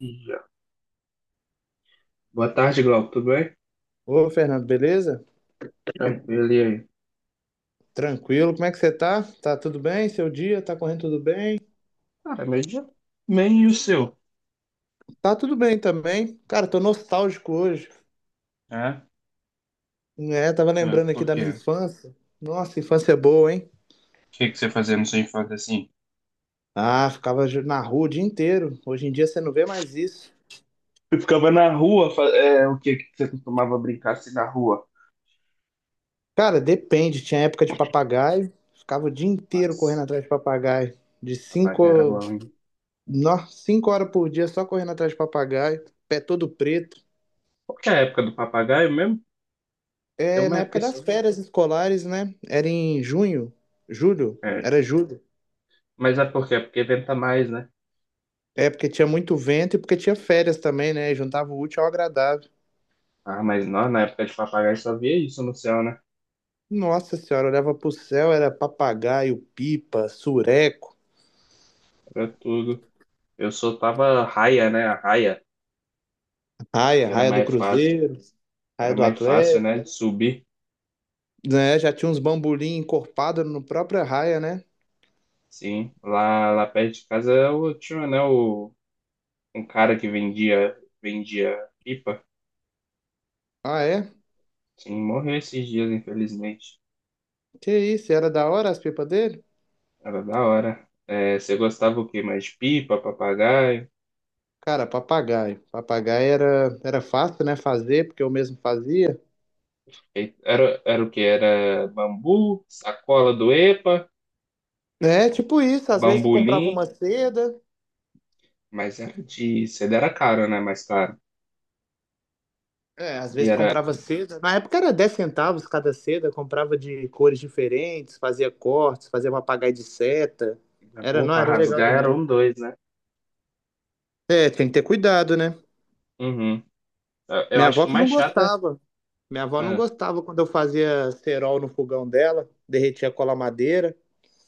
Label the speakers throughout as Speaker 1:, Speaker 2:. Speaker 1: Já. Boa tarde, Glauco. Tudo bem?
Speaker 2: Ô, Fernando, beleza?
Speaker 1: Tranquilo, e aí?
Speaker 2: Tranquilo, como é que você tá? Tá tudo bem? Seu dia tá correndo tudo bem?
Speaker 1: Cara, meio dia. Meio o seu.
Speaker 2: Tá tudo bem também. Cara, tô nostálgico hoje.
Speaker 1: É?
Speaker 2: É, tava
Speaker 1: É,
Speaker 2: lembrando aqui
Speaker 1: por
Speaker 2: da
Speaker 1: quê?
Speaker 2: minha
Speaker 1: O
Speaker 2: infância. Nossa, infância é boa, hein?
Speaker 1: que que você fazia na sua infância assim?
Speaker 2: Ah, na rua o dia inteiro. Hoje em dia você não vê mais isso.
Speaker 1: Eu ficava na rua, é, o que que você costumava brincar assim na rua?
Speaker 2: Cara, depende. Tinha época de papagaio. Ficava o dia inteiro
Speaker 1: Nossa,
Speaker 2: correndo atrás de papagaio. De
Speaker 1: papagaio era
Speaker 2: cinco,
Speaker 1: bom, hein?
Speaker 2: no, 5 horas por dia só correndo atrás de papagaio. Pé todo preto.
Speaker 1: Qual que é a época do papagaio mesmo? Tem
Speaker 2: É
Speaker 1: uma
Speaker 2: na
Speaker 1: época
Speaker 2: época
Speaker 1: assim.
Speaker 2: das férias escolares, né? Era em junho, julho,
Speaker 1: É.
Speaker 2: era julho.
Speaker 1: Mas é por quê? Porque venta mais, né?
Speaker 2: É porque tinha muito vento e porque tinha férias também, né? Juntava o útil ao agradável.
Speaker 1: Ah, mas não, na época de papagaio só via isso no céu, né?
Speaker 2: Nossa senhora, olhava pro céu, era papagaio, pipa, sureco,
Speaker 1: Era tudo. Eu soltava raia, né? A raia, que
Speaker 2: raia,
Speaker 1: era
Speaker 2: raia do
Speaker 1: mais fácil.
Speaker 2: Cruzeiro,
Speaker 1: Era
Speaker 2: raia do
Speaker 1: mais fácil,
Speaker 2: Atlético,
Speaker 1: né? De subir.
Speaker 2: né? Já tinha uns bambolim encorpado no próprio raia, né?
Speaker 1: Sim, lá perto de casa eu tinha, né, o, um cara que vendia, pipa.
Speaker 2: Ah, é?
Speaker 1: Sim, morreu esses dias, infelizmente.
Speaker 2: Que isso, era da hora as pipas dele?
Speaker 1: Era da hora. É, você gostava o quê? Mais de pipa, papagaio?
Speaker 2: Cara, papagaio. Papagaio era fácil, né? Fazer, porque eu mesmo fazia.
Speaker 1: Era o quê? Era bambu, sacola do EPA,
Speaker 2: É, tipo isso, às vezes comprava
Speaker 1: bambolim,
Speaker 2: uma seda,
Speaker 1: mas era de... Cedo era caro, né? Mais caro.
Speaker 2: é, às
Speaker 1: E
Speaker 2: vezes
Speaker 1: era...
Speaker 2: comprava seda. Na época era 10 centavos cada seda, comprava de cores diferentes, fazia cortes, fazia papagaio de seta. Era,
Speaker 1: Pô,
Speaker 2: não,
Speaker 1: pra
Speaker 2: era legal
Speaker 1: rasgar era
Speaker 2: demais.
Speaker 1: um dois, né?
Speaker 2: É, tem que ter cuidado, né?
Speaker 1: Uhum. Eu
Speaker 2: Minha
Speaker 1: acho
Speaker 2: avó
Speaker 1: que o
Speaker 2: que
Speaker 1: mais
Speaker 2: não
Speaker 1: chato é...
Speaker 2: gostava. Minha avó não
Speaker 1: Ah,
Speaker 2: gostava quando eu fazia cerol no fogão dela, derretia cola madeira,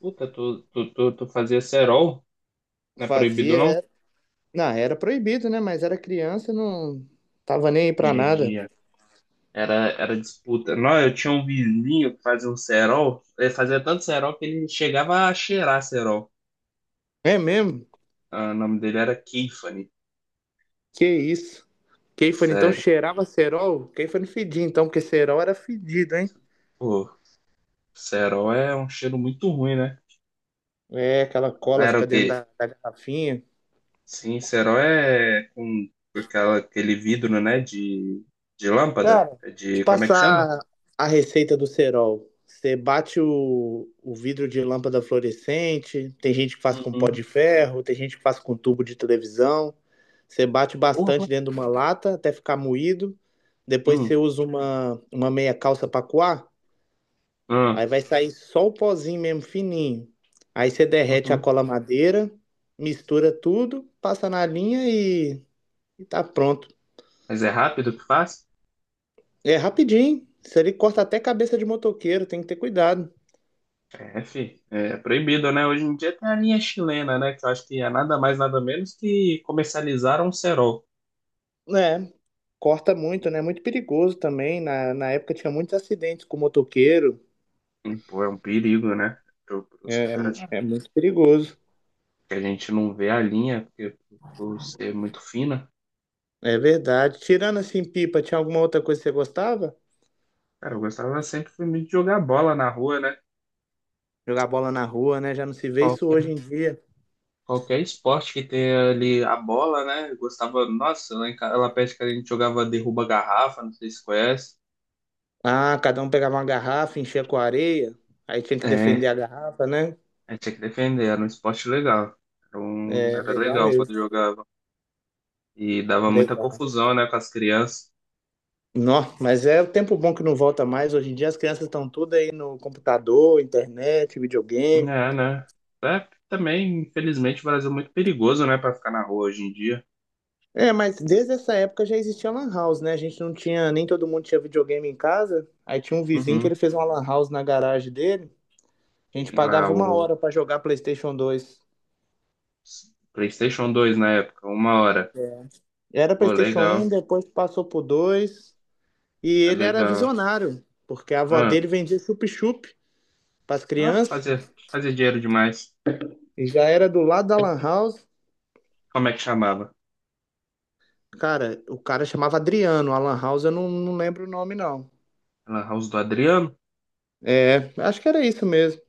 Speaker 1: puta, tu fazia cerol? Não é proibido,
Speaker 2: fazia.
Speaker 1: não?
Speaker 2: É. Não, era proibido, né? Mas era criança, não tava nem aí pra nada.
Speaker 1: Comedia. Era disputa. Não, eu tinha um vizinho que fazia um cerol. Ele fazia tanto cerol que ele chegava a cheirar cerol.
Speaker 2: É mesmo?
Speaker 1: Ah, o nome dele era Keifany.
Speaker 2: Que isso. Kefir então
Speaker 1: Sério.
Speaker 2: cheirava cerol? Kefir não fedia então, porque cerol era fedido, hein?
Speaker 1: Pô, cerol é um cheiro muito ruim, né?
Speaker 2: É, aquela cola
Speaker 1: Era o
Speaker 2: fica
Speaker 1: quê?
Speaker 2: dentro da garrafinha.
Speaker 1: Sim, cerol é com aquela, aquele vidro, né? de lâmpada.
Speaker 2: Cara,
Speaker 1: É.
Speaker 2: te
Speaker 1: De, como é que chama?
Speaker 2: passar a receita do cerol. Você bate o vidro de lâmpada fluorescente, tem gente que faz com pó
Speaker 1: Uhum.
Speaker 2: de ferro, tem gente que faz com tubo de televisão. Você bate
Speaker 1: Porra.
Speaker 2: bastante dentro de uma lata até ficar moído. Depois você
Speaker 1: Hum,
Speaker 2: usa uma meia calça para coar.
Speaker 1: hum.
Speaker 2: Aí
Speaker 1: Ah.
Speaker 2: vai sair só o pozinho mesmo, fininho. Aí você derrete a
Speaker 1: Uhum.
Speaker 2: cola madeira, mistura tudo, passa na linha e tá pronto.
Speaker 1: Mas é rápido que faz?
Speaker 2: É rapidinho. Isso ali corta até cabeça de motoqueiro, tem que ter cuidado.
Speaker 1: É, é proibido, né? Hoje em dia tem a linha chilena, né? Que eu acho que é nada mais, nada menos que comercializar um cerol.
Speaker 2: É, corta muito, né? É muito perigoso também. Na época tinha muitos acidentes com motoqueiro.
Speaker 1: E, pô, é um perigo, né? Pros
Speaker 2: É, é,
Speaker 1: caras. É.
Speaker 2: é, muito perigoso.
Speaker 1: Que a gente não vê a linha, porque por ser muito fina.
Speaker 2: É verdade. Tirando assim, pipa, tinha alguma outra coisa que você gostava?
Speaker 1: Cara, eu gostava sempre de jogar bola na rua, né?
Speaker 2: Jogar bola na rua, né? Já não se vê isso
Speaker 1: Qualquer,
Speaker 2: hoje em dia.
Speaker 1: qualquer esporte que tenha ali a bola, né? Eu gostava, nossa, lá em casa, lá perto que a gente jogava derruba garrafa, não sei se conhece.
Speaker 2: Ah, cada um pegava uma garrafa, enchia com areia, aí tinha que
Speaker 1: É,
Speaker 2: defender a garrafa, né?
Speaker 1: a gente tinha que defender, era um esporte legal. Era, um,
Speaker 2: É
Speaker 1: era
Speaker 2: legal
Speaker 1: legal quando
Speaker 2: mesmo.
Speaker 1: jogava. E dava muita
Speaker 2: Legal.
Speaker 1: confusão, né, com as crianças.
Speaker 2: Nó, mas é o tempo bom que não volta mais. Hoje em dia as crianças estão tudo aí no computador, internet, videogame.
Speaker 1: É, né? É, também, infelizmente, o Brasil é muito perigoso, né, para ficar na rua hoje em dia.
Speaker 2: É, mas desde essa época já existia lan house, né? A gente não tinha, nem todo mundo tinha videogame em casa. Aí tinha um vizinho que
Speaker 1: Uhum.
Speaker 2: ele fez uma lan house na garagem dele. A gente
Speaker 1: Ah,
Speaker 2: pagava uma
Speaker 1: o
Speaker 2: hora pra jogar PlayStation 2.
Speaker 1: PlayStation 2 na época, uma hora.
Speaker 2: Era
Speaker 1: Pô,
Speaker 2: PlayStation 1,
Speaker 1: legal,
Speaker 2: depois passou pro 2. E
Speaker 1: é
Speaker 2: ele era
Speaker 1: legal.
Speaker 2: visionário, porque a avó
Speaker 1: Ah,
Speaker 2: dele vendia chup-chup para as
Speaker 1: ah,
Speaker 2: crianças
Speaker 1: fazia dinheiro demais.
Speaker 2: e já era do lado da Lan House.
Speaker 1: Como é que chamava?
Speaker 2: Cara, o cara chamava Adriano, a Lan House eu não lembro o nome, não.
Speaker 1: Era House do Adriano?
Speaker 2: É, acho que era isso mesmo.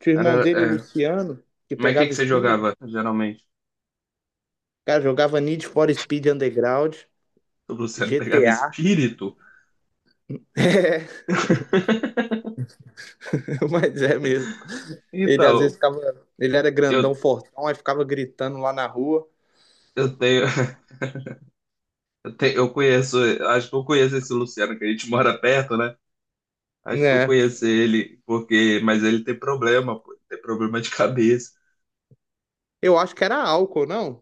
Speaker 2: Tinha o
Speaker 1: Era,
Speaker 2: irmão dele, o
Speaker 1: é.
Speaker 2: Luciano, que
Speaker 1: Mas o que que
Speaker 2: pegava
Speaker 1: você
Speaker 2: Speed,
Speaker 1: jogava, geralmente?
Speaker 2: cara, jogava Need for Speed Underground,
Speaker 1: O Luciano pegava
Speaker 2: GTA.
Speaker 1: espírito?
Speaker 2: É, mas é mesmo. Ele às vezes
Speaker 1: Então,
Speaker 2: ficava. Ele era
Speaker 1: eu,
Speaker 2: grandão, fortão, aí ficava gritando lá na rua.
Speaker 1: eu tenho. Eu conheço, acho que eu conheço esse Luciano, que a gente mora perto, né? Acho que eu
Speaker 2: É.
Speaker 1: conheço ele, porque, mas ele tem problema, pô, ele tem problema de cabeça.
Speaker 2: Eu acho que era álcool, não?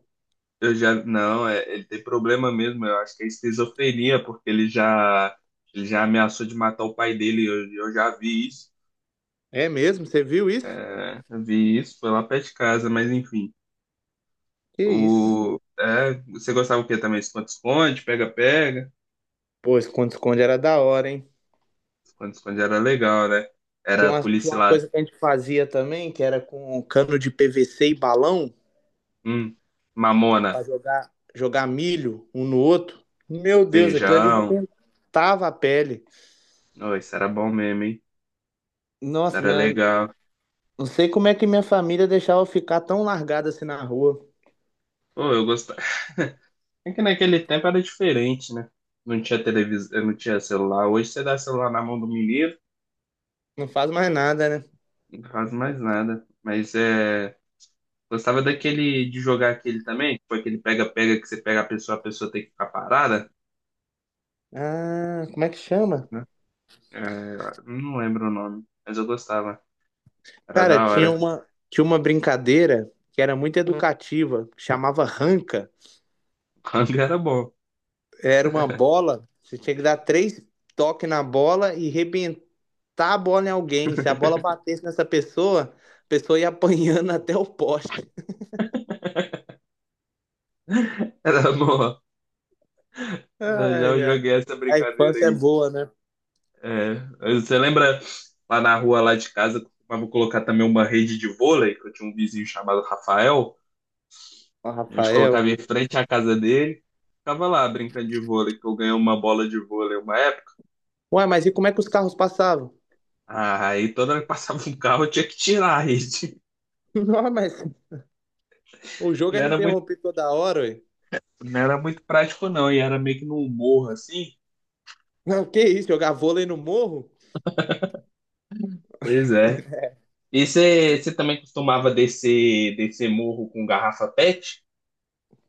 Speaker 1: Eu já, não, é, ele tem problema mesmo, eu acho que é esquizofrenia, porque ele já ameaçou de matar o pai dele, eu já vi isso,
Speaker 2: É mesmo? Você viu isso?
Speaker 1: é, eu vi isso, foi lá perto de casa, mas enfim.
Speaker 2: Que isso.
Speaker 1: O, é, você gostava o quê também? Esconde-esconde, pega-pega?
Speaker 2: Pô, esconde-esconde era da hora, hein?
Speaker 1: Esconde-esconde era legal, né?
Speaker 2: Tinha
Speaker 1: Era
Speaker 2: uma, tinha uma
Speaker 1: policial,
Speaker 2: coisa que a gente fazia também, que era com cano de PVC e balão,
Speaker 1: hum, mamona.
Speaker 2: pra jogar milho um no outro. Meu Deus, aquilo ali
Speaker 1: Feijão.
Speaker 2: arrebentava a pele.
Speaker 1: Oh, isso era bom mesmo, hein? Isso
Speaker 2: Nossa,
Speaker 1: era
Speaker 2: né?
Speaker 1: legal.
Speaker 2: Não sei como é que minha família deixava eu ficar tão largada assim na rua.
Speaker 1: Oh, eu gostava. É que naquele tempo era diferente, né? Não tinha televisão, não tinha celular. Hoje você dá celular na mão do menino,
Speaker 2: Não faz mais nada, né?
Speaker 1: não faz mais nada. Mas é. Gostava daquele de jogar aquele também, foi aquele pega-pega que você pega a pessoa tem que ficar parada,
Speaker 2: Ah, como é que chama?
Speaker 1: né? É, não lembro o nome, mas eu gostava. Era
Speaker 2: Cara,
Speaker 1: da
Speaker 2: tinha
Speaker 1: hora.
Speaker 2: uma, tinha uma brincadeira que era muito educativa, que chamava ranca.
Speaker 1: Hang era bom.
Speaker 2: Era uma bola, você tinha que dar três toques na bola e chutar a bola em alguém. Se a bola batesse nessa pessoa, a pessoa ia apanhando até o poste.
Speaker 1: Era bom. Eu já
Speaker 2: Ai, ai.
Speaker 1: joguei essa
Speaker 2: A
Speaker 1: brincadeira
Speaker 2: infância é
Speaker 1: aí.
Speaker 2: boa, né?
Speaker 1: É, você lembra lá na rua lá de casa, costumava colocar também uma rede de vôlei, que eu tinha um vizinho chamado Rafael.
Speaker 2: Ó,
Speaker 1: A gente
Speaker 2: Rafael.
Speaker 1: colocava em frente à casa dele, ficava lá brincando de vôlei, que eu ganhei uma bola de vôlei uma época,
Speaker 2: Ué, mas e como é que os carros passavam?
Speaker 1: ah, aí toda hora que passava um carro eu tinha que tirar a rede.
Speaker 2: Não, mas o jogo
Speaker 1: Não
Speaker 2: era
Speaker 1: era muito,
Speaker 2: interrompido toda hora, ué.
Speaker 1: não era muito prático não, e era meio que num morro assim.
Speaker 2: Não, que isso, jogar vôlei no morro?
Speaker 1: Pois é. E você também costumava descer morro com garrafa PET?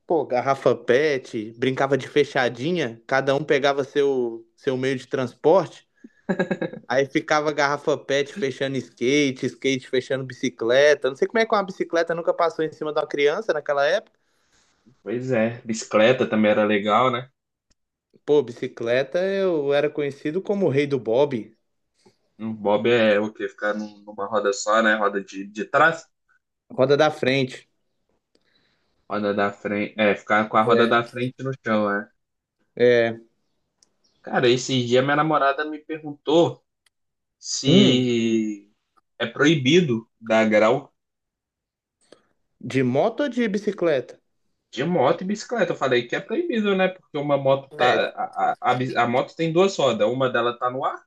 Speaker 2: Pô, garrafa pet, brincava de fechadinha, cada um pegava seu meio de transporte, aí ficava garrafa pet fechando skate, skate fechando bicicleta. Não sei como é que uma bicicleta nunca passou em cima de uma criança naquela época.
Speaker 1: Pois é, bicicleta também era legal, né?
Speaker 2: Pô, bicicleta eu era conhecido como o rei do bob,
Speaker 1: Um bob é o quê? Ficar numa roda só, né? Roda de trás,
Speaker 2: roda da frente.
Speaker 1: roda da frente. É, ficar com a roda da
Speaker 2: É.
Speaker 1: frente no chão, né?
Speaker 2: É.
Speaker 1: Cara, esses dias minha namorada me perguntou
Speaker 2: Hum,
Speaker 1: se é proibido dar grau
Speaker 2: de moto ou de bicicleta?
Speaker 1: de moto e bicicleta. Eu falei que é proibido, né? Porque uma moto
Speaker 2: É,
Speaker 1: tá. A moto tem duas rodas, uma dela tá no ar,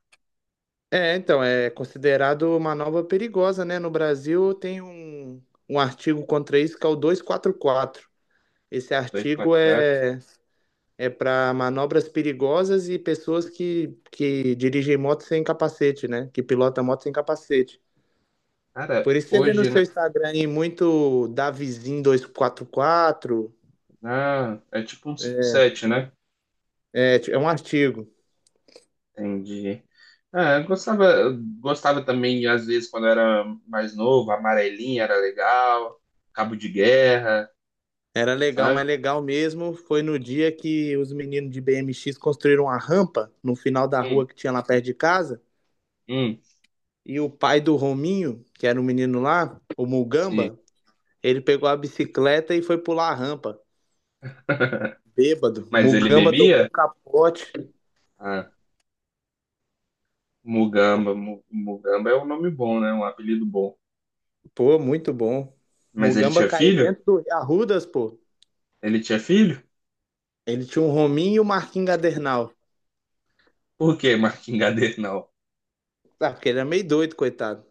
Speaker 2: então, é considerado uma nova perigosa, né? No Brasil tem um artigo contra isso que é o 244. Esse
Speaker 1: dois
Speaker 2: artigo
Speaker 1: quatro.
Speaker 2: é é para manobras perigosas e pessoas que dirigem moto sem capacete, né? Que pilotam moto sem capacete.
Speaker 1: Cara,
Speaker 2: Por isso você vê no
Speaker 1: hoje, né?
Speaker 2: seu Instagram aí muito Davizinho 244.
Speaker 1: Ah, é tipo um 7, né?
Speaker 2: É, é um artigo.
Speaker 1: Entendi. É, eu gostava também, às vezes, quando era mais novo, amarelinha era legal, cabo de guerra,
Speaker 2: Era legal, mas
Speaker 1: sabe?
Speaker 2: legal mesmo foi no dia que os meninos de BMX construíram uma rampa no final da
Speaker 1: Hum,
Speaker 2: rua que tinha lá perto de casa.
Speaker 1: hum,
Speaker 2: E o pai do Rominho, que era o menino lá, o
Speaker 1: sim.
Speaker 2: Mugamba, ele pegou a bicicleta e foi pular a rampa. Bêbado.
Speaker 1: Mas ele
Speaker 2: Mugamba tomou
Speaker 1: bebia?
Speaker 2: um capote.
Speaker 1: Ah, Mugamba é um nome bom, né? Um apelido bom.
Speaker 2: Pô, muito bom.
Speaker 1: Mas ele
Speaker 2: Mugamba
Speaker 1: tinha
Speaker 2: caiu
Speaker 1: filho?
Speaker 2: dentro do Arrudas, pô.
Speaker 1: Ele tinha filho?
Speaker 2: Ele tinha um Rominho e o Marquinhos Gadernal.
Speaker 1: Por que Marquingadeira não?
Speaker 2: Ah, porque ele era meio doido, coitado.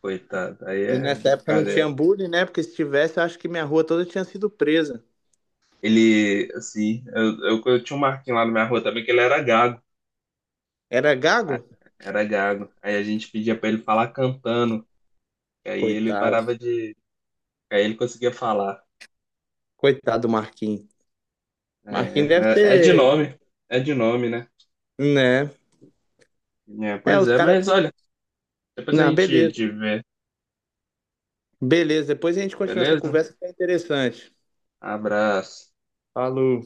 Speaker 1: Coitado, aí
Speaker 2: E
Speaker 1: é
Speaker 2: nessa época não
Speaker 1: brincadeira.
Speaker 2: tinha bullying, né? Porque se tivesse, eu acho que minha rua toda tinha sido presa.
Speaker 1: Ele, assim, eu tinha um Marquinhos lá na minha rua também, que ele era gago.
Speaker 2: Era
Speaker 1: Ah,
Speaker 2: gago?
Speaker 1: era gago. Aí a gente pedia pra ele falar cantando. E aí ele
Speaker 2: Coitado.
Speaker 1: parava de. Aí ele conseguia falar.
Speaker 2: Coitado do Marquinhos.
Speaker 1: É,
Speaker 2: Marquinhos deve
Speaker 1: é de
Speaker 2: ter,
Speaker 1: nome. É de nome, né?
Speaker 2: né?
Speaker 1: É,
Speaker 2: É,
Speaker 1: pois
Speaker 2: os
Speaker 1: é, mas
Speaker 2: caras.
Speaker 1: olha, depois a
Speaker 2: Não,
Speaker 1: gente te
Speaker 2: beleza.
Speaker 1: vê,
Speaker 2: Beleza, depois a gente continua essa
Speaker 1: beleza?
Speaker 2: conversa que é interessante.
Speaker 1: Abraço.
Speaker 2: Falou.